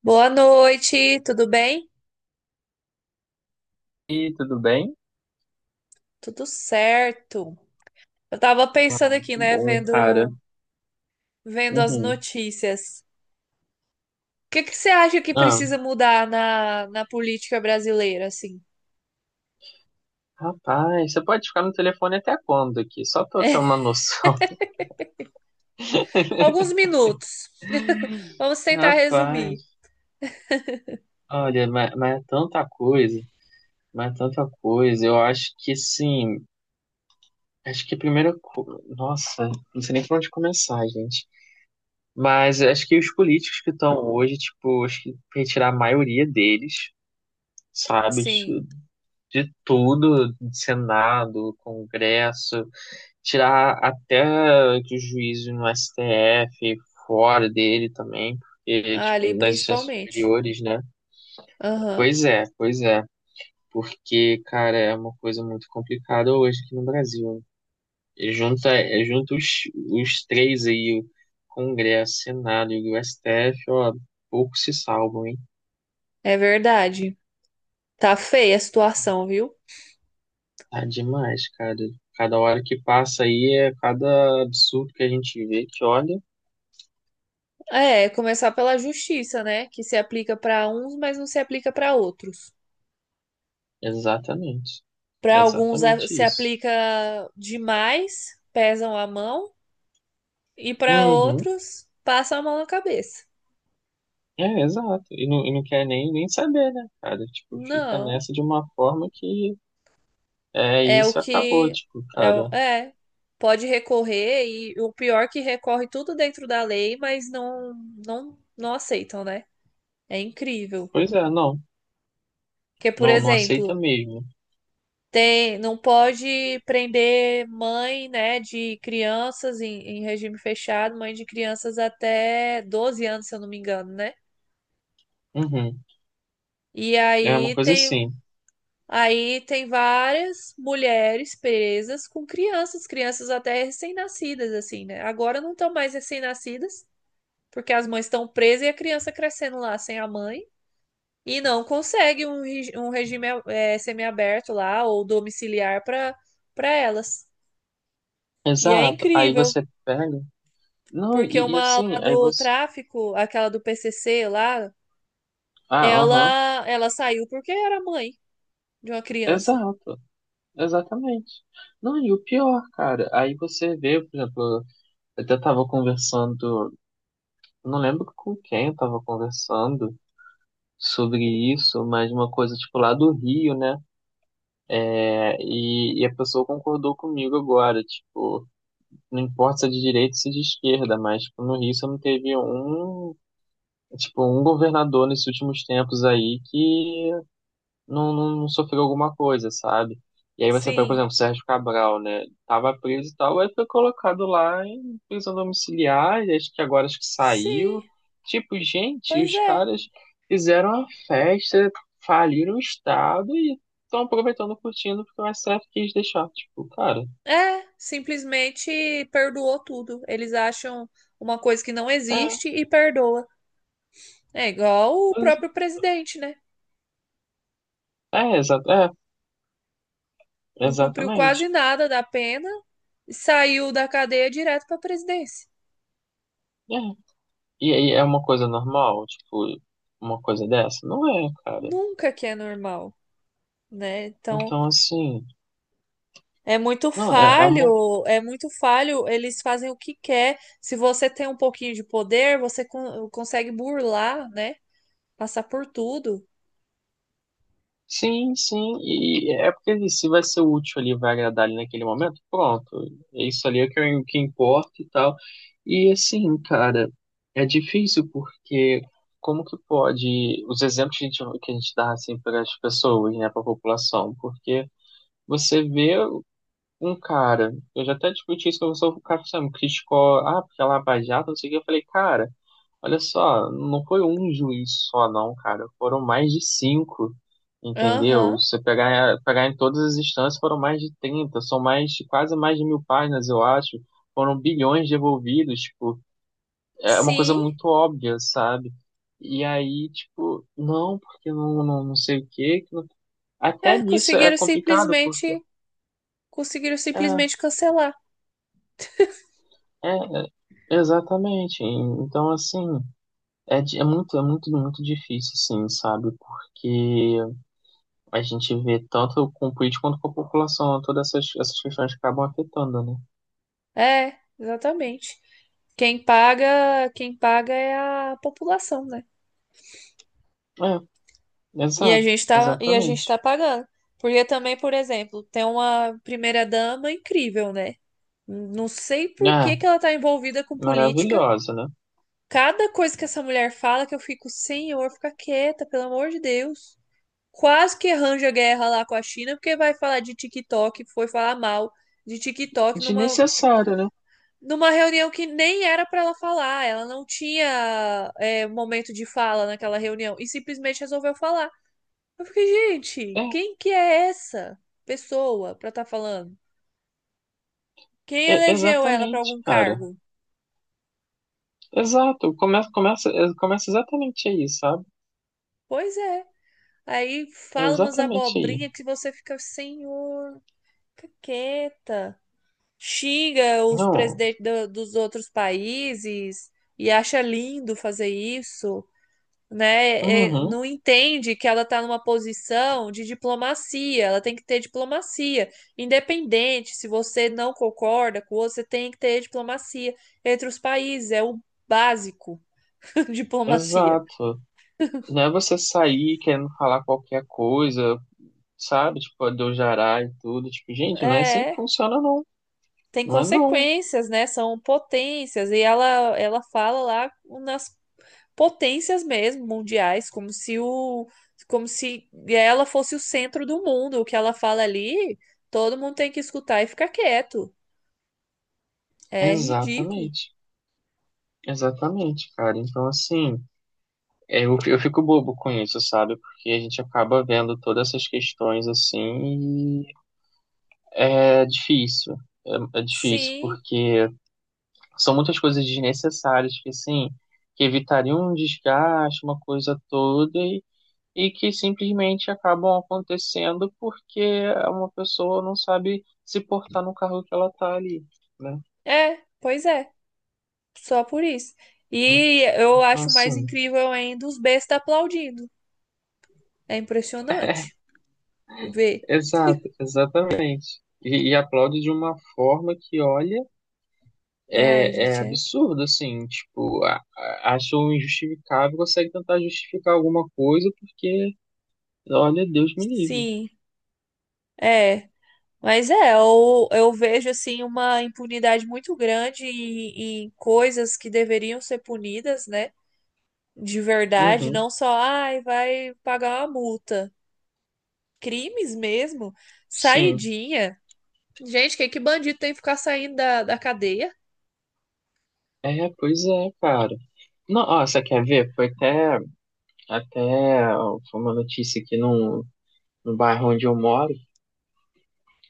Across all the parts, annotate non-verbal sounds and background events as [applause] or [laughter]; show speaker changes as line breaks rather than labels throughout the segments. Boa noite, tudo bem?
E tudo bem?
Tudo certo. Eu tava pensando
Ah,
aqui,
que
né,
bom, cara.
vendo as
Uhum.
notícias. O que que você acha que
Ah,
precisa mudar na política brasileira, assim?
rapaz, você pode ficar no telefone até quando aqui? Só pra eu ter uma noção.
Alguns
[laughs]
minutos. [laughs] Vamos tentar resumir.
Rapaz, olha, mas é tanta coisa, mas é tanta coisa. Eu acho que sim, acho que a primeira coisa. Nossa, não sei nem por onde começar, gente. Mas eu acho que os políticos que estão hoje, tipo, acho que retirar a maioria deles, sabe?
Sim,
De tudo, de Senado, Congresso. Tirar até que o juízo no STF fora dele também, porque, tipo,
ali
nas instâncias
principalmente.
superiores, né?
Aham,
Pois é, pois é. Porque, cara, é uma coisa muito complicada hoje aqui no Brasil, né? E junta, é, junta os três aí, o Congresso, Senado e o STF, ó, pouco se salvam, hein?
é verdade. Tá feia a situação, viu?
Tá demais, cara. Cada hora que passa aí é cada absurdo que a gente vê que olha.
É, começar pela justiça, né, que se aplica pra uns, mas não se aplica pra outros.
Exatamente.
Para alguns
Exatamente
se
isso.
aplica demais, pesam a mão, e para
Uhum.
outros passam a mão na cabeça.
É, exato. E não quer nem saber, né, cara? Tipo, fica
Não,
nessa de uma forma que é
é o
isso acabou,
que
tipo,
é,
cara.
é, pode recorrer e o pior é que recorre tudo dentro da lei, mas não aceitam, né? É incrível.
Pois é, não,
Porque, por
não, não aceita
exemplo,
mesmo.
tem, não pode prender mãe, né, de crianças em regime fechado, mãe de crianças até 12 anos, se eu não me engano, né?
Uhum.
E
É uma
aí
coisa
tem,
assim.
aí tem várias mulheres presas com crianças, crianças até recém-nascidas, assim, né? Agora não estão mais recém-nascidas, porque as mães estão presas e a criança crescendo lá sem a mãe. E não consegue um, um regime semiaberto lá ou domiciliar para elas. E é
Exato. Aí
incrível,
você pega. Não,
porque
e
uma lá
assim, aí
do
você.
tráfico, aquela do PCC lá,
Ah, aham.
ela saiu porque era mãe de uma criança.
Exato. Exatamente. Não, e o pior, cara, aí você vê, por exemplo, eu até tava conversando, não lembro com quem eu tava conversando sobre isso, mas uma coisa, tipo, lá do Rio, né? É, e a pessoa concordou comigo agora, tipo, não importa se é de direita ou se é de esquerda, mas tipo, no Rio você não teve um, tipo, um governador nesses últimos tempos aí que não, não, não sofreu alguma coisa, sabe? E aí você pega, por
Sim,
exemplo, Sérgio Cabral, né? Tava preso e tal, aí foi colocado lá em prisão domiciliar, e acho que agora acho que
sim.
saiu. Tipo, gente,
Pois
os
é,
caras fizeram a festa, faliram o Estado e estão aproveitando, curtindo, porque o STF quis deixar. Tipo, cara,
é, simplesmente perdoou tudo. Eles acham uma coisa que não
é,
existe e perdoa. É igual o
é,
próprio presidente, né?
é,
Não cumpriu quase
exatamente.
nada da pena e saiu da cadeia direto para a presidência.
É. E aí é uma coisa normal, tipo, uma coisa dessa? Não é, cara.
Nunca que é normal, né? Então,
Então, assim, não, é uma.
é muito falho, eles fazem o que quer. Se você tem um pouquinho de poder, você consegue burlar, né? Passar por tudo.
Sim, sim, e é porque se vai ser útil ali, vai agradar ali naquele momento, pronto, é isso ali é o que, importa e tal. E assim, cara, é difícil porque como que pode, os exemplos que a gente dá assim para as pessoas, né, para a população, porque você vê um cara, eu já até discuti isso com você, o cara sabe, criticou, ah, porque ela é baixada, não sei o que, eu falei, cara. Olha só, não foi um juiz só, não, cara. Foram mais de cinco, entendeu?
Aham.
Você pegar em todas as instâncias, foram mais de 30. São mais, quase mais de mil páginas, eu acho. Foram bilhões devolvidos, tipo, é uma coisa
Sim,
muito óbvia, sabe? E aí, tipo, não, porque não, não, não sei o quê. Que não- Até
é,
nisso é complicado, porque.
conseguiram
É,
simplesmente cancelar.
é, é, exatamente. Então, assim. É, é muito, muito difícil, sim, sabe? Porque a gente vê tanto com o político quanto com a população, todas essas questões acabam afetando, né?
É, exatamente. Quem paga é a população, né?
É,
E a
exato,
gente tá, e a gente
exatamente.
tá pagando. Porque também, por exemplo, tem uma primeira-dama incrível, né? Não sei por
É,
que que ela tá envolvida com política.
maravilhosa, né?
Cada coisa que essa mulher fala que eu fico, senhor, fica quieta, pelo amor de Deus. Quase que arranja guerra lá com a China, porque vai falar de TikTok, foi falar mal de TikTok numa
Desnecessária, né?
numa reunião que nem era para ela falar, ela não tinha momento de fala naquela reunião e simplesmente resolveu falar. Eu fiquei, gente,
É,
quem que é essa pessoa para estar falando? Quem
é,
elegeu ela para
exatamente,
algum
cara.
cargo?
Exato, começa exatamente aí, sabe?
Pois é. Aí
É
fala umas
exatamente aí.
abobrinhas que você fica, senhor, fica quieta. Xinga os
Não,
presidentes dos outros países e acha lindo fazer isso. Né, é,
uhum,
não entende que ela está numa posição de diplomacia, ela tem que ter diplomacia, independente se você não concorda com o outro, você tem que ter diplomacia entre os países, é o básico [laughs] diplomacia.
exato. Não é você sair querendo falar qualquer coisa, sabe? Tipo, do jará e tudo. Tipo, gente, não é assim que
É,
funciona, não.
tem
Não é não.
consequências, né? São potências e ela fala lá nas potências mesmo mundiais, como se ela fosse o centro do mundo. O que ela fala ali, todo mundo tem que escutar e ficar quieto. É ridículo.
Exatamente. Exatamente, cara. Então, assim, é, eu fico bobo com isso, sabe? Porque a gente acaba vendo todas essas questões assim e é difícil. É difícil,
Sim,
porque são muitas coisas desnecessárias que, assim, que evitariam um desgaste, uma coisa toda, e, que simplesmente acabam acontecendo porque uma pessoa não sabe se portar no carro que ela tá ali, né?
é, pois é, só por isso. E eu
Então,
acho mais
assim.
incrível ainda os bestas aplaudindo. É impressionante ver.
Exato, exatamente. E aplaude de uma forma que, olha,
Ai,
é
gente, é.
absurdo, assim, tipo, acho injustificável, consegue tentar justificar alguma coisa, porque, olha, Deus me livre.
Sim, é. Mas é, eu vejo assim uma impunidade muito grande em, em coisas que deveriam ser punidas, né? De verdade,
Uhum,
não só, ai, vai pagar uma multa. Crimes mesmo,
sim.
saidinha. Gente, que bandido tem que ficar saindo da cadeia?
É, pois é, cara. Não, ó, você quer ver? Foi até, até ó, foi uma notícia aqui no bairro onde eu moro.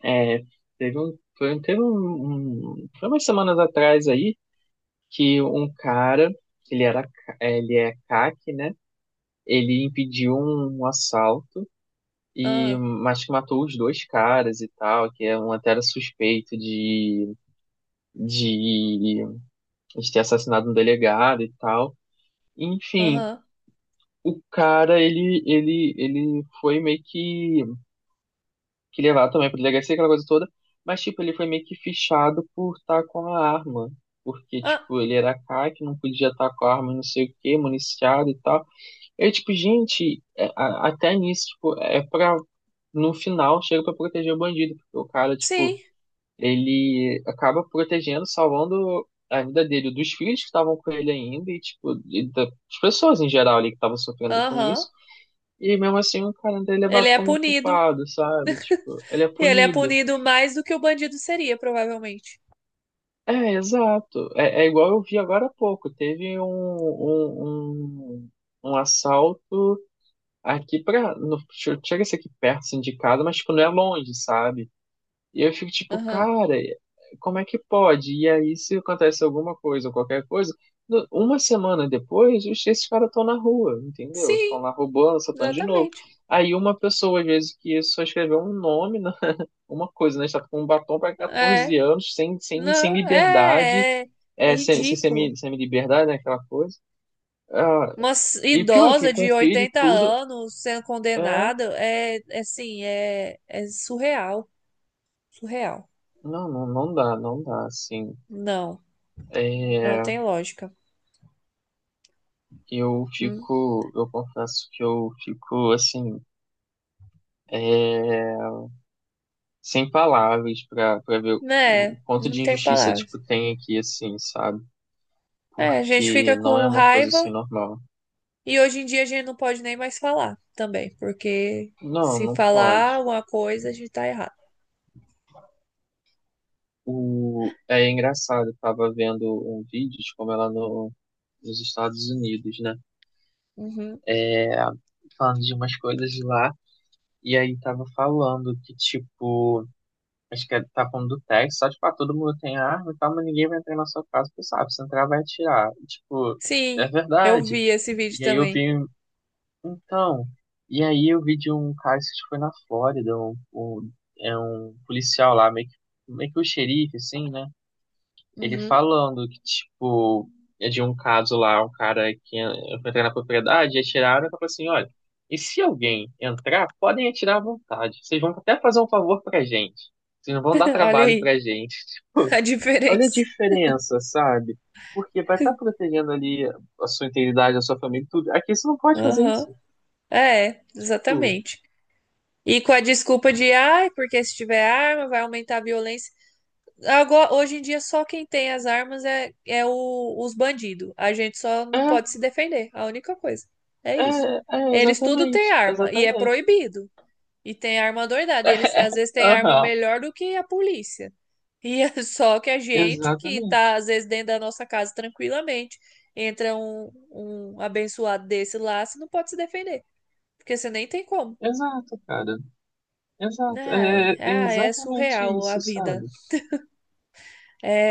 É, teve um, foi, teve um, um- foi umas semanas atrás aí, que um cara, ele é CAC, né? Ele impediu um assalto e
Ah,
mas que matou os dois caras e tal, que é um até era suspeito de, de ter assassinado um delegado e tal. Enfim,
aham.
o cara ele foi meio que levado também para delegacia aquela coisa toda, mas tipo ele foi meio que fichado por estar com a arma. Porque,
Ah,
tipo, ele era CAC, não podia estar com a arma, não sei o quê, municiado e tal. Eu, tipo, gente, é, até nisso, tipo, é pra, no final, chega pra proteger o bandido, porque o cara, tipo,
sim,
ele acaba protegendo, salvando a vida dele, dos filhos que estavam com ele ainda, e, tipo, e das pessoas em geral ali que estavam sofrendo com
aham.
isso, e mesmo assim o cara ainda é
Ele
levado
é
como um
punido.
culpado, sabe? Tipo, ele é
E ele é
punido.
punido mais do que o bandido seria, provavelmente.
É, exato. É igual eu vi agora há pouco, teve um, um assalto. Aqui pra. No, Tipo, chega a ser aqui perto, assim, de casa, mas, tipo, não é longe, sabe? E eu fico tipo,
Aham.
cara, como é que pode? E aí, se acontece alguma coisa ou qualquer coisa, uma semana depois, esses caras estão na rua, entendeu? Estão
Sim,
lá roubando, assaltando de novo.
exatamente.
Aí, uma pessoa, às vezes, que só escreveu um nome, [laughs] uma coisa, né? Está com um batom para 14
É,
anos, sem
não,
liberdade,
é, é, é
é, sem, sem,
ridículo.
semi, liberdade, né? Aquela coisa. Ah,
Uma
e pior que
idosa
com
de
filho e
80
tudo.
anos sendo
É,
condenada é, é assim, é, é surreal, surreal.
Não dá, não dá, assim.
Não, não
É,
tem lógica.
eu
Hum.
fico, assim, é, sem palavras pra ver o
Né?
quanto
Não
de
tem
injustiça,
palavras.
tipo, tem aqui, assim, sabe?
É, a gente fica
Porque não é
com
uma coisa, assim,
raiva
normal.
e hoje em dia a gente não pode nem mais falar também, porque
Não,
se
não
falar
pode.
uma coisa, a gente tá errado.
O, é engraçado, eu tava vendo um vídeo de como ela no, nos Estados Unidos, né?
Uhum.
Falando de umas coisas de lá, e aí tava falando que, tipo, acho que tá falando do Tex, só tipo, ah, todo mundo tem arma e tal, mas ninguém vai entrar na sua casa, porque sabe, se entrar vai atirar. E, tipo, é
Sim, eu
verdade.
vi esse vídeo
E aí eu vi,
também.
então, e aí eu vi de um cara que acho que foi na Flórida, um, é um policial lá, meio que o xerife, assim, né? Ele
Uhum.
falando que, tipo, é de um caso lá, um cara que foi entrar na propriedade, e atiraram e falou assim, olha, e se alguém entrar, podem atirar à vontade. Vocês vão até fazer um favor pra gente. Vocês não vão dar
[laughs] Olha
trabalho
aí
pra gente. [laughs] Tipo,
a
olha a
diferença.
diferença, sabe? Porque vai estar protegendo ali a sua integridade, a sua família, e tudo. Aqui você não pode fazer
Aham.
isso.
É,
Tipo,
exatamente. E com a desculpa de, ai, porque se tiver arma vai aumentar a violência. Agora, hoje em dia, só quem tem as armas é, os bandidos. A gente só não
é,
pode se defender. A única coisa. É isso. Eles tudo têm
exatamente,
arma e é
exatamente.
proibido. E tem arma doidada. E eles às
[laughs]
vezes têm
É,
arma
aham,
melhor do que a polícia. E é [laughs] só que a gente, que tá
exatamente.
às vezes dentro da nossa casa tranquilamente, entra um, um abençoado desse lá, você não pode se defender. Porque você nem tem como.
Exato, cara. Exato,
Ai,
é
ai, é
exatamente
surreal a
isso,
vida.
sabe?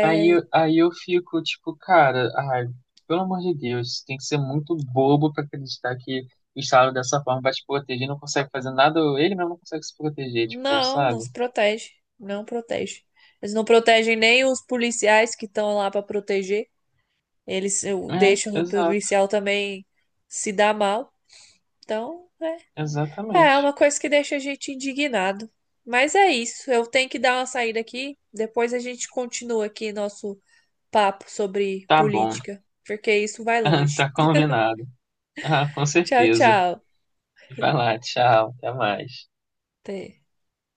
Aí, aí eu fico tipo, cara, ai, pelo amor de Deus, tem que ser muito bobo pra acreditar que o Estado dessa forma vai te proteger, não consegue fazer nada, ou ele mesmo não consegue se proteger, tipo,
Não, não
sabe?
se protege. Não protege. Eles não protegem nem os policiais que estão lá para proteger. Eles
É,
deixam o
exato,
policial também se dar mal. Então, é, é uma
exatamente.
coisa que deixa a gente indignado. Mas é isso. Eu tenho que dar uma saída aqui. Depois a gente continua aqui nosso papo sobre
Tá bom,
política, porque isso vai
[laughs]
longe.
tá combinado. Ah, com
Tchau,
certeza.
tchau.
Vai lá, tchau, até mais.
Até.